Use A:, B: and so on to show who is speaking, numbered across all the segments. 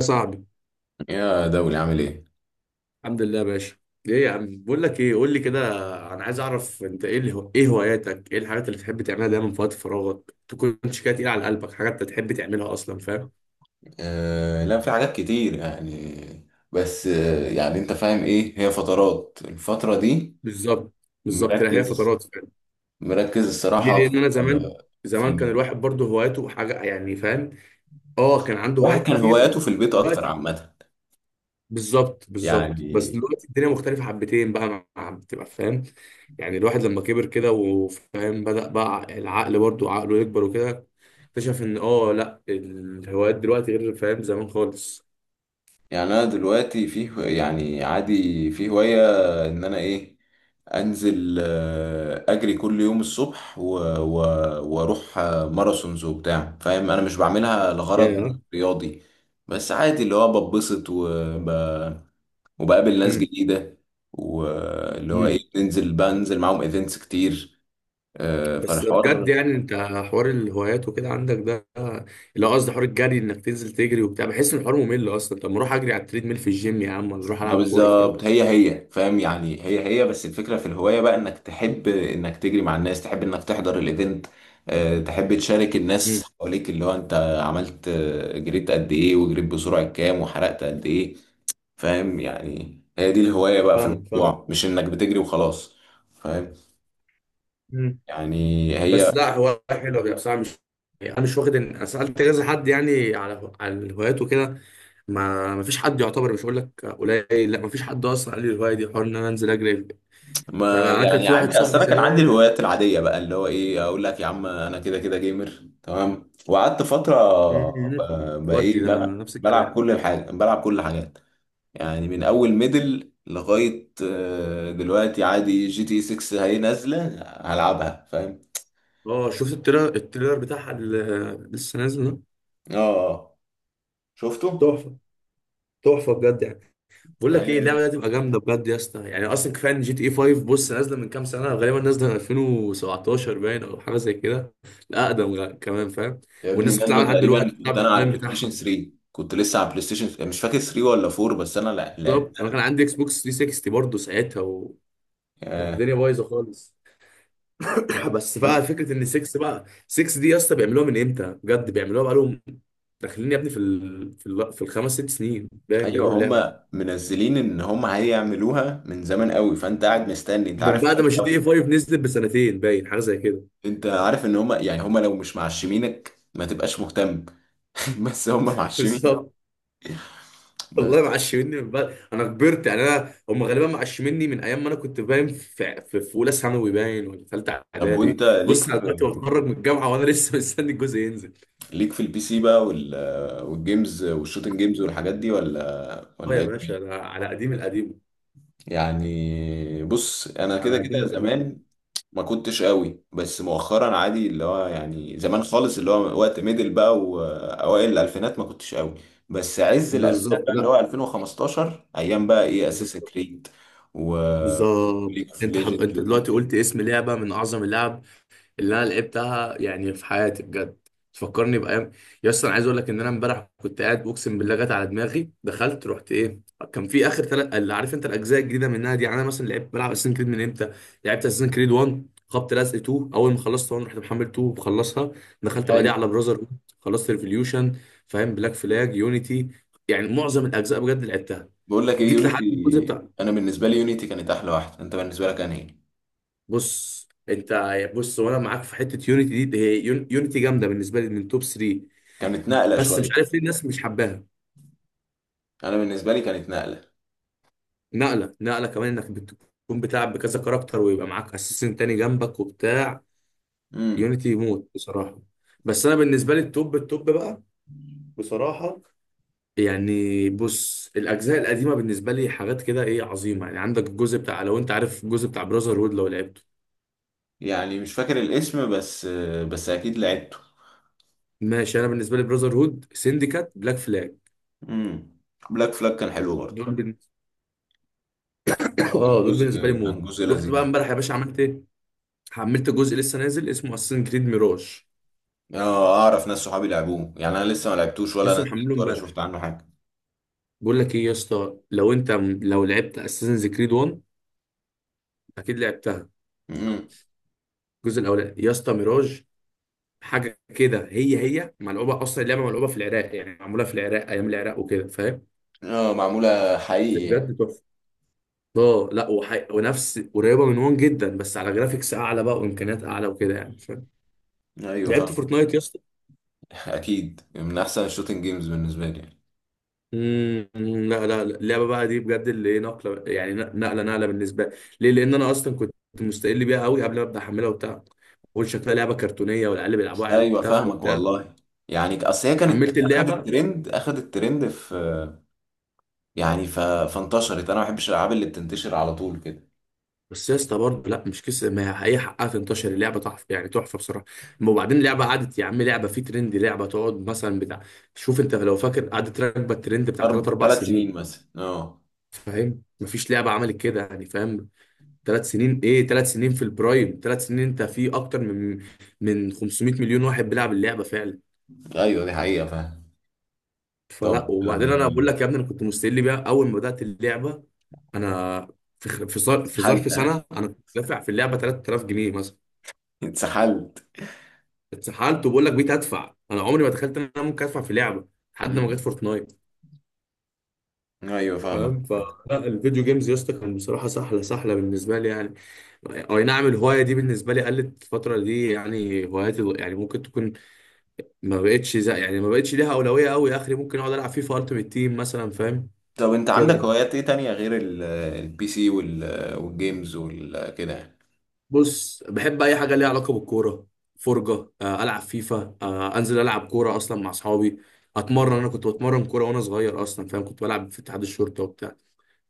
A: يا صاحبي.
B: يا دولي عامل ايه؟
A: الحمد لله يا باشا. ايه يا عم، بقول لك ايه، قول لي كده. انا عايز اعرف انت ايه، اللي هو ايه هواياتك، ايه الحاجات اللي بتحب تعملها دايما في وقت فراغك، تكونش كده تقيله على قلبك، حاجات انت تحب تعملها اصلا، فاهم؟
B: لا في حاجات كتير يعني. بس يعني انت فاهم ايه هي فترات الفترة دي.
A: بالظبط. بالظبط، لا هي
B: مركز
A: فترات فاهم.
B: مركز
A: ليه؟
B: الصراحة في،
A: لان انا زمان،
B: آه في
A: زمان كان الواحد برضه هواياته حاجه يعني، فاهم؟ اه كان عنده
B: الواحد
A: هوايات
B: كان
A: كتير.
B: هواياته في البيت اكتر
A: دلوقتي
B: عامة.
A: بالظبط بالظبط، بس
B: يعني
A: دلوقتي الدنيا مختلفة حبتين بقى، بتبقى فاهم. يعني الواحد لما كبر كده وفاهم، بدأ بقى العقل برضو عقله يكبر وكده. اكتشف ان لا الهوايات دلوقتي غير فاهم زمان خالص.
B: يعني انا دلوقتي يعني عادي في هواية ان انا ايه. انزل اجري كل يوم الصبح واروح ماراثونز وبتاع، فاهم انا مش بعملها لغرض
A: يا
B: رياضي، بس عادي اللي هو ببسط وبقابل ناس
A: امم
B: جديدة، واللي هو ايه
A: امم.
B: بنزل معاهم ايفنتس كتير.
A: بس ده بجد
B: فالحوار
A: يعني انت، حوار الهوايات وكده عندك ده، اللي هو قصدي حوار الجري انك تنزل تجري وبتاع، بحس ان الحوار ممل اصلا، طب ما اروح اجري على التريد ميل في الجيم يا عم، ولا اروح
B: ما
A: العب كورة، فاهم؟
B: بالظبط هي فاهم، يعني هي بس الفكرة في الهواية بقى انك تحب انك تجري مع الناس، تحب انك تحضر الايفنت. تحب تشارك
A: امم.
B: الناس حواليك اللي هو انت عملت، جريت قد ايه وجريت بسرعة كام وحرقت قد ايه. فاهم يعني هي دي الهواية بقى في
A: فاهم فاهم.
B: الموضوع، مش انك بتجري وخلاص. فاهم يعني
A: بس
B: هي.
A: لا هواية حلوة بقى بصراحة، مش يعني، أنا مش واخد إن أنا سألت كذا حد يعني على على الهوايات وكده. ما فيش حد يعتبر، مش هقول لك قليل، لا ما فيش حد أصلا قال لي الهواية دي حوار إن أنا أنزل أجري.
B: ما
A: فأنا كان
B: يعني
A: في واحد
B: عادي اصل
A: صاحبي
B: انا كان عندي
A: زمان.
B: الهوايات العاديه بقى اللي هو ايه، اقول لك يا عم انا كده كده جيمر تمام وقعدت فتره.
A: مم.
B: بقى
A: ودي
B: ايه،
A: ده أنا
B: بلعب
A: نفس
B: بلعب
A: الكلام.
B: كل حاجه، بلعب كل حاجات. يعني من اول ميدل لغايه دلوقتي عادي جي تي 6 هي نازله هلعبها فاهم.
A: أه شفت التريلر، بتاعها اللي لسه نازل ده.
B: اه آه. شفته.
A: تحفة، تحفة بجد يعني. بقول لك ايه،
B: أيوة.
A: اللعبه دي هتبقى جامده بجد يا اسطى، يعني اصلا كفايه ان جي تي اي 5، بص نازله من كام سنه، غالبا نازله من 2017 باين او حاجه زي كده. لا اقدم كمان فاهم.
B: يا ابني يا
A: والناس
B: ابني نازله
A: بتلعب لحد
B: تقريبا،
A: دلوقتي، بتلعب
B: كنت انا على
A: الاونلاين
B: البلاي ستيشن
A: بتاعها.
B: 3. كنت لسه على البلاي ستيشن مش فاكر 3 ولا 4، بس انا لعبت.
A: بالظبط انا كان عندي اكس بوكس 360 برضه ساعتها، وكانت
B: آه.
A: الدنيا بايظه خالص. بس بقى فكره ان 6، بقى 6 دي يا اسطى بيعملوها من امتى، بجد بيعملوها بقى لهم داخلين يا ابني في الخمس ست سنين باين
B: ايوه
A: بيعملوا اللعبه.
B: هم منزلين ان هم هيعملوها من زمان قوي، فانت قاعد مستني. انت
A: من
B: عارف
A: بعد
B: هم،
A: ما جي تي اي 5 نزلت بسنتين باين، حاجه زي كده.
B: انت عارف ان هم، يعني هم لو مش معشمينك ما تبقاش مهتم. بس هم معشمين
A: بالظبط.
B: بس.
A: والله معشمني من بعد انا كبرت، يعني انا هم غالبا معشمني من ايام ما انا كنت باين في اولى ثانوي باين ولا ثالثه
B: طب وانت
A: اعدادي.
B: ليك
A: بص انا
B: في،
A: دلوقتي بتخرج من الجامعه، وانا لسه مستني الجزء ينزل.
B: البي سي بقى والجيمز والشوتنج جيمز والحاجات دي، ولا
A: اه
B: ولا
A: يا
B: ايه؟
A: باشا انا على قديم القديم.
B: يعني بص انا
A: على
B: كده
A: قديم
B: كده
A: القديم.
B: زمان ما كنتش قوي، بس مؤخرا عادي اللي هو يعني زمان خالص اللي هو وقت ميدل بقى واوائل الالفينات ما كنتش قوي. بس عز الالفينات
A: بالظبط،
B: بقى اللي
A: لا
B: هو 2015 ايام بقى ايه اساس
A: بالظبط.
B: كريد و
A: بالظبط.
B: ليج اوف
A: انت
B: ليجندز
A: انت دلوقتي
B: ومورتال.
A: قلت اسم لعبه من اعظم اللعب اللي انا لعبتها يعني في حياتي بجد، تفكرني بايام. يا اسطى انا عايز اقول لك ان انا امبارح كنت قاعد، اقسم بالله جت على دماغي، دخلت رحت ايه. كان في اخر ثلاث، اللي عارف انت الاجزاء الجديده منها دي، يعني انا مثلا لعبت، بلعب اساسن كريد من امتى. لعبت اساسن كريد 1، خبط لزق 2، اول ما خلصت 1، رحت محمل 2 وخلصها. دخلت بقى دي
B: ايوه.
A: على براذر هود، خلصت ريفوليوشن، فاهم؟ بلاك فلاج، يونيتي، يعني معظم الاجزاء بجد لعبتها.
B: بقول لك ايه،
A: جيت لحد الجزء
B: يونيتي
A: بتاع،
B: انا بالنسبه لي يونيتي كانت احلى واحده. انت بالنسبه لك انا ايه؟
A: بص انت، بص وانا معاك في حته يونيتي دي، هي يونيتي جامده بالنسبه لي من توب 3.
B: كانت نقله
A: بس مش
B: شويه.
A: عارف ليه الناس مش حباها.
B: انا بالنسبه لي كانت نقله.
A: نقله، نقله كمان انك بتكون بتلعب بكذا كاركتر، ويبقى معاك اساسن تاني جنبك وبتاع.
B: امم.
A: يونيتي يموت بصراحه. بس انا بالنسبه لي التوب بقى، بصراحه. يعني بص الاجزاء القديمه بالنسبه لي حاجات كده ايه، عظيمه. يعني عندك الجزء بتاع، لو انت عارف الجزء بتاع براذر هود لو لعبته.
B: يعني مش فاكر الاسم، بس اكيد لعبته.
A: ماشي، انا بالنسبه لي براذر هود، سينديكات، بلاك فلاج،
B: امم. بلاك فلاج كان حلو برضه.
A: دول بالنسبه.
B: كان
A: اه دول
B: جزء
A: بالنسبه لي
B: كان
A: موت.
B: جزء
A: رحت بقى
B: لذيذ.
A: امبارح يا باشا، عملت ايه، حملت جزء لسه نازل، اسمه اساسن كريد ميراج.
B: اه اعرف ناس صحابي لعبوه، يعني انا لسه ما لعبتوش ولا
A: لسه محمله
B: نزلت ولا
A: امبارح.
B: شفت عنه حاجه.
A: بقول لك ايه يا اسطى، لو انت لو لعبت اساسنز كريد 1 اكيد لعبتها.
B: مم.
A: الجزء الاولاني يا اسطى، ميراج حاجه كده، هي هي ملعوبه اصلا، اللعبه ملعوبه في العراق، يعني معموله في العراق، ايام العراق وكده، فاهم؟
B: اه معموله
A: بس
B: حقيقي يعني.
A: بجد تحفه. اه لا ونفس قريبه من 1 جدا، بس على جرافيكس اعلى بقى وامكانيات اعلى وكده يعني، فاهم؟
B: ايوه
A: لعبت
B: فاهم.
A: فورتنايت يا اسطى؟
B: اكيد من احسن الشوتنج جيمز بالنسبه لي يعني.
A: امم، لا لا لا. اللعبه بقى دي بجد اللي ايه، نقله يعني، نقله نقله بالنسبه لي. ليه؟ لان انا اصلا كنت مستقل بيها قوي قبل ما ابدا احملها وبتاع. بقول شكلها لعبه كرتونيه، والعيال بيلعبوها عيال
B: ايوه
A: تافهه
B: فاهمك
A: وبتاع.
B: والله. يعني اصل هي كانت
A: حملت اللعبه،
B: اخذت ترند في، يعني فانتشرت. انا ما بحبش الالعاب اللي بتنتشر على طول كده.
A: بس يا اسطى برضه لا مش كسر، ما هي هي حقها تنتشر، اللعبه تحفه يعني، تحفه بصراحه. أما وبعدين اللعبه قعدت يا عم، لعبه في ترند لعبه تقعد مثلا بتاع، شوف انت لو فاكر قعدت راكبه الترند بتاع 3
B: اربع
A: 4
B: ثلاث سنين
A: سنين،
B: مثلا اه.
A: فاهم؟ مفيش لعبه عملت كده يعني، فاهم؟ ثلاث سنين ايه، ثلاث سنين في البرايم، ثلاث سنين انت في اكتر من 500 مليون واحد بيلعب اللعبه فعلا.
B: ايوه دي حقيقه فاهم. طب
A: فلا، وبعدين انا بقول لك يا ابني انا كنت مستقل بيها اول ما بدات اللعبه. انا في خ- في ظر- في
B: اتسحلت
A: ظرف
B: ها؟
A: سنه انا كنت دافع في اللعبه 3000 جنيه مثلا.
B: اتسحلت.
A: اتسحلت. وبقول لك بقيت ادفع، انا عمري ما تخيلت ان انا ممكن ادفع في لعبه لحد ما جت
B: مم.
A: فورتنايت.
B: ايوه فاهمك.
A: فاهم؟ فالفيديو جيمز يا اسطى كان بصراحه سحله، سحله بالنسبه لي يعني. اي نعم، الهوايه دي بالنسبه لي قلت الفتره دي يعني، هواياتي يعني ممكن تكون ما بقتش زي يعني، ما بقتش ليها اولويه قوي اخري، ممكن اقعد العب فيفا التيمت تيم مثلا، فاهم؟
B: طب انت عندك
A: كده.
B: هوايات ايه تانية غير البي سي والجيمز وكده؟
A: بص بحب اي حاجه ليها علاقه بالكوره، فرجه، العب فيفا، انزل العب كوره اصلا مع اصحابي، اتمرن. انا كنت بتمرن كوره وانا صغير اصلا فاهم، كنت بلعب في اتحاد الشرطه وبتاع.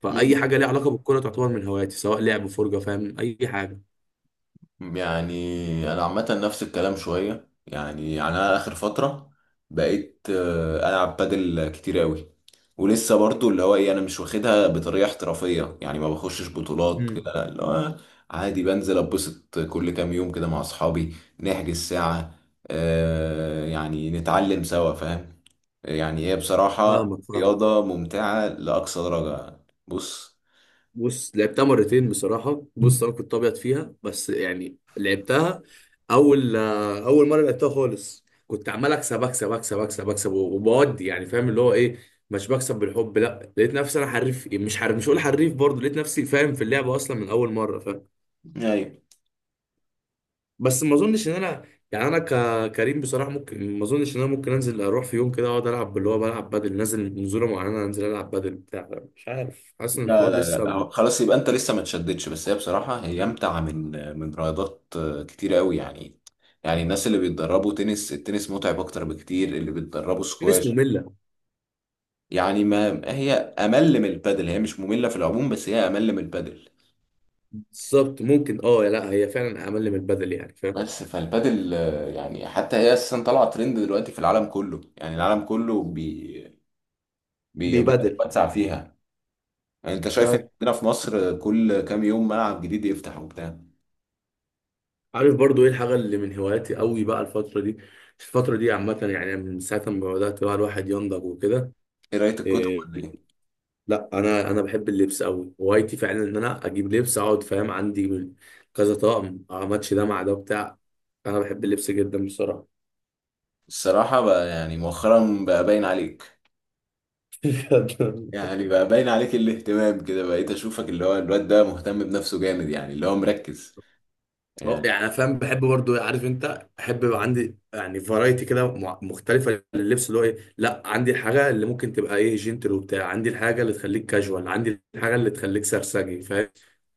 A: فاي
B: يعني
A: حاجه ليها علاقه بالكوره تعتبر من هواياتي، سواء لعب، فرجه، فاهم، اي حاجه.
B: يعني انا عامه نفس الكلام شويه، يعني انا اخر فتره بقيت العب بادل كتير قوي. ولسه برضو اللي هو ايه، انا مش واخدها بطريقه احترافيه يعني، ما بخشش بطولات كده،
A: مم.
B: لا، اللي هو عادي بنزل اتبسط كل كام يوم كده مع اصحابي. نحجز ساعه، يعني نتعلم سوا فاهم. يعني هي بصراحه
A: فاهمك فاهمك.
B: رياضه ممتعه لاقصى درجه. بص.
A: بص لعبتها مرتين بصراحة، بص أنا كنت أبيض فيها، بس يعني لعبتها. أول أول مرة لعبتها خالص كنت عمال أكسب أكسب أكسب أكسب أكسب وبودي يعني، فاهم اللي هو إيه، مش بكسب بالحب. لا لقيت نفسي أنا حريف، مش حريف، مش هقول حريف برضه، لقيت نفسي فاهم في اللعبة أصلا من أول مرة، فاهم؟
B: ايوه.
A: بس ما أظنش إن أنا، يعني أنا كريم بصراحة، ممكن ما أظنش إن أنا ممكن أنزل أروح في يوم كده أقعد ألعب، اللي هو بلعب بدل نازل نزولة معينة أنزل ألعب بدل بتاع، مش عارف، حاسس إن
B: لا
A: الحوار
B: لا لا
A: لسه
B: خلاص يبقى انت لسه ما تشددش، بس هي بصراحة هي امتع من رياضات كتير قوي يعني. يعني الناس اللي بيتدربوا التنس متعب اكتر بكتير، اللي بيتدربوا
A: كان اسمه
B: سكواش.
A: ملة.
B: يعني ما هي امل من البادل، هي مش مملة في العموم، بس هي امل من البادل.
A: بالظبط ممكن، اه لا هي فعلا اقل من البدل يعني فاهم.
B: بس فالبادل يعني حتى هي اساسا طالعة ترند دلوقتي في العالم كله، يعني العالم كله بي بي
A: بيبدل.
B: بيتوسع فيها. يعني انت شايف إن
A: نعم.
B: عندنا في مصر كل كام يوم ملعب جديد يفتح وبتاع.
A: عارف برضو ايه الحاجه اللي من هواياتي قوي بقى الفتره دي، الفتره دي عامه يعني من ساعه ما بدات بقى الواحد ينضج وكده.
B: ايه، قراية الكتب
A: إيه؟
B: ولا ايه؟
A: لا انا، بحب اللبس قوي، هوايتي فعلا ان انا اجيب لبس، اقعد فاهم عندي كذا طقم اماتش ده مع ده بتاع. انا بحب اللبس جدا بصراحه.
B: الصراحة بقى يعني مؤخرا بقى باين عليك، يعني بقى باين عليك الاهتمام كده، بقيت اشوفك اللي هو الواد ده مهتم بنفسه جامد يعني اللي هو مركز
A: اه
B: يعني.
A: يعني انا فاهم بحب برضو، عارف انت بحب يبقى عندي يعني فرايتي كده مختلفه لللبس اللي هو ايه، لا عندي الحاجه اللي ممكن تبقى ايه جنتل وبتاع، عندي الحاجه اللي تخليك كاجوال، عندي الحاجه اللي تخليك سرسجي، فاهم؟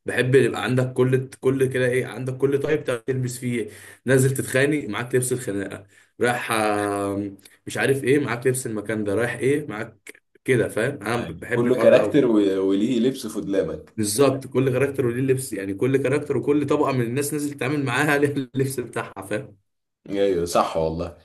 A: بحب يبقى عندك كل كده ايه، عندك كل طيب تعرف تلبس فيه إيه. نازل تتخانق معاك لبس الخناقه، رايح مش عارف ايه معاك لبس المكان ده، رايح ايه معاك كده، فاهم؟ انا
B: يعني
A: بحب
B: كله
A: الحوار ده قوي.
B: كاركتر وليه لبس في دولابك.
A: بالظبط، كل كاركتر وليه لبس، يعني كل كاركتر وكل طبقه من الناس نازل تتعامل معاها ليها اللبس بتاعها، فاهم؟
B: ايوه صح والله.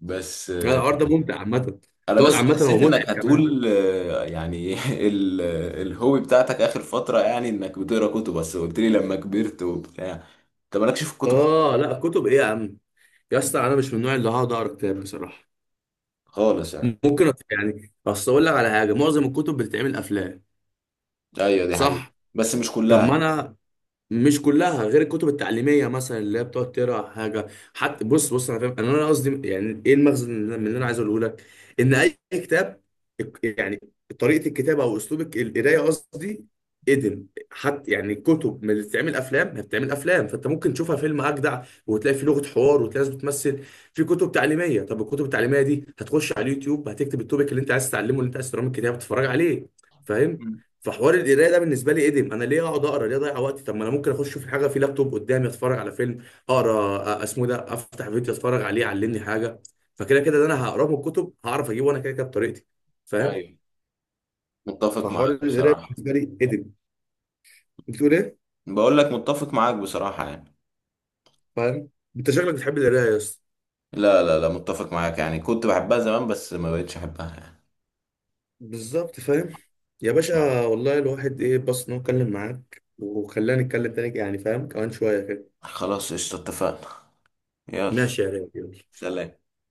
B: بس
A: لا، الحوار ده ممتع عامه.
B: انا
A: تقعد
B: بس
A: عامه هو
B: حسيت انك
A: متعب كمان.
B: هتقول يعني ال- الهوبي بتاعتك اخر فترة، يعني انك بتقرا كتب، بس قلت لي لما كبرت وبتاع انت مالكش في الكتب
A: اه لا كتب ايه يا عم، يا اسطى انا مش من النوع اللي هقعد اقرا كتاب بصراحه.
B: خالص يعني.
A: ممكن يعني اصل اقول لك على حاجه، معظم الكتب بتتعمل افلام.
B: ايوه دي حقيقة
A: صح.
B: بس مش
A: طب
B: كلها.
A: ما انا، مش كلها غير الكتب التعليميه مثلا اللي هي بتقعد تقرا حاجه. حتى بص بص انا فاهم انا، قصدي يعني ايه المغزى من اللي انا عايز اقوله لك، ان اي كتاب يعني، طريقه الكتابه او اسلوبك القرايه قصدي ادم، حتى يعني الكتب ما بتتعمل افلام، ما بتتعمل افلام، فانت ممكن تشوفها فيلم اجدع وتلاقي فيه لغه حوار وتلاقي ناس بتمثل. في كتب تعليميه، طب الكتب التعليميه دي هتخش على اليوتيوب، هتكتب التوبيك اللي انت عايز تتعلمه، اللي انت عايز تقراه من الكتاب تتفرج عليه، فاهم؟
B: مم.
A: فحوار القرايه ده بالنسبه لي ادم، انا ليه اقعد اقرا، ليه اضيع وقتي، طب ما انا ممكن اخش في حاجه، في لابتوب قدامي اتفرج على فيلم، اقرا اسمه إيه ده، افتح فيديو اتفرج عليه يعلمني حاجه، فكده كده ده انا هقراه من الكتب هعرف اجيبه انا كده كده بطريقتي، فاهم؟
B: ايوه متفق
A: فحوار
B: معاك
A: القرايه
B: بصراحة.
A: بالنسبه لي ادم، بتقول ايه؟
B: بقول لك متفق معاك بصراحة يعني.
A: فاهم. انت شكلك بتحب القرايه يا اسطى.
B: لا لا لا متفق معاك، يعني كنت بحبها زمان بس ما بقتش احبها يعني.
A: بالظبط فاهم. يا باشا والله الواحد ايه بس انه اتكلم معاك، وخلاني اتكلم تاني يعني فاهم، كمان شويه كده.
B: خلاص قشطة اتفقنا. يلا.
A: ماشي يا ريت.
B: سلام.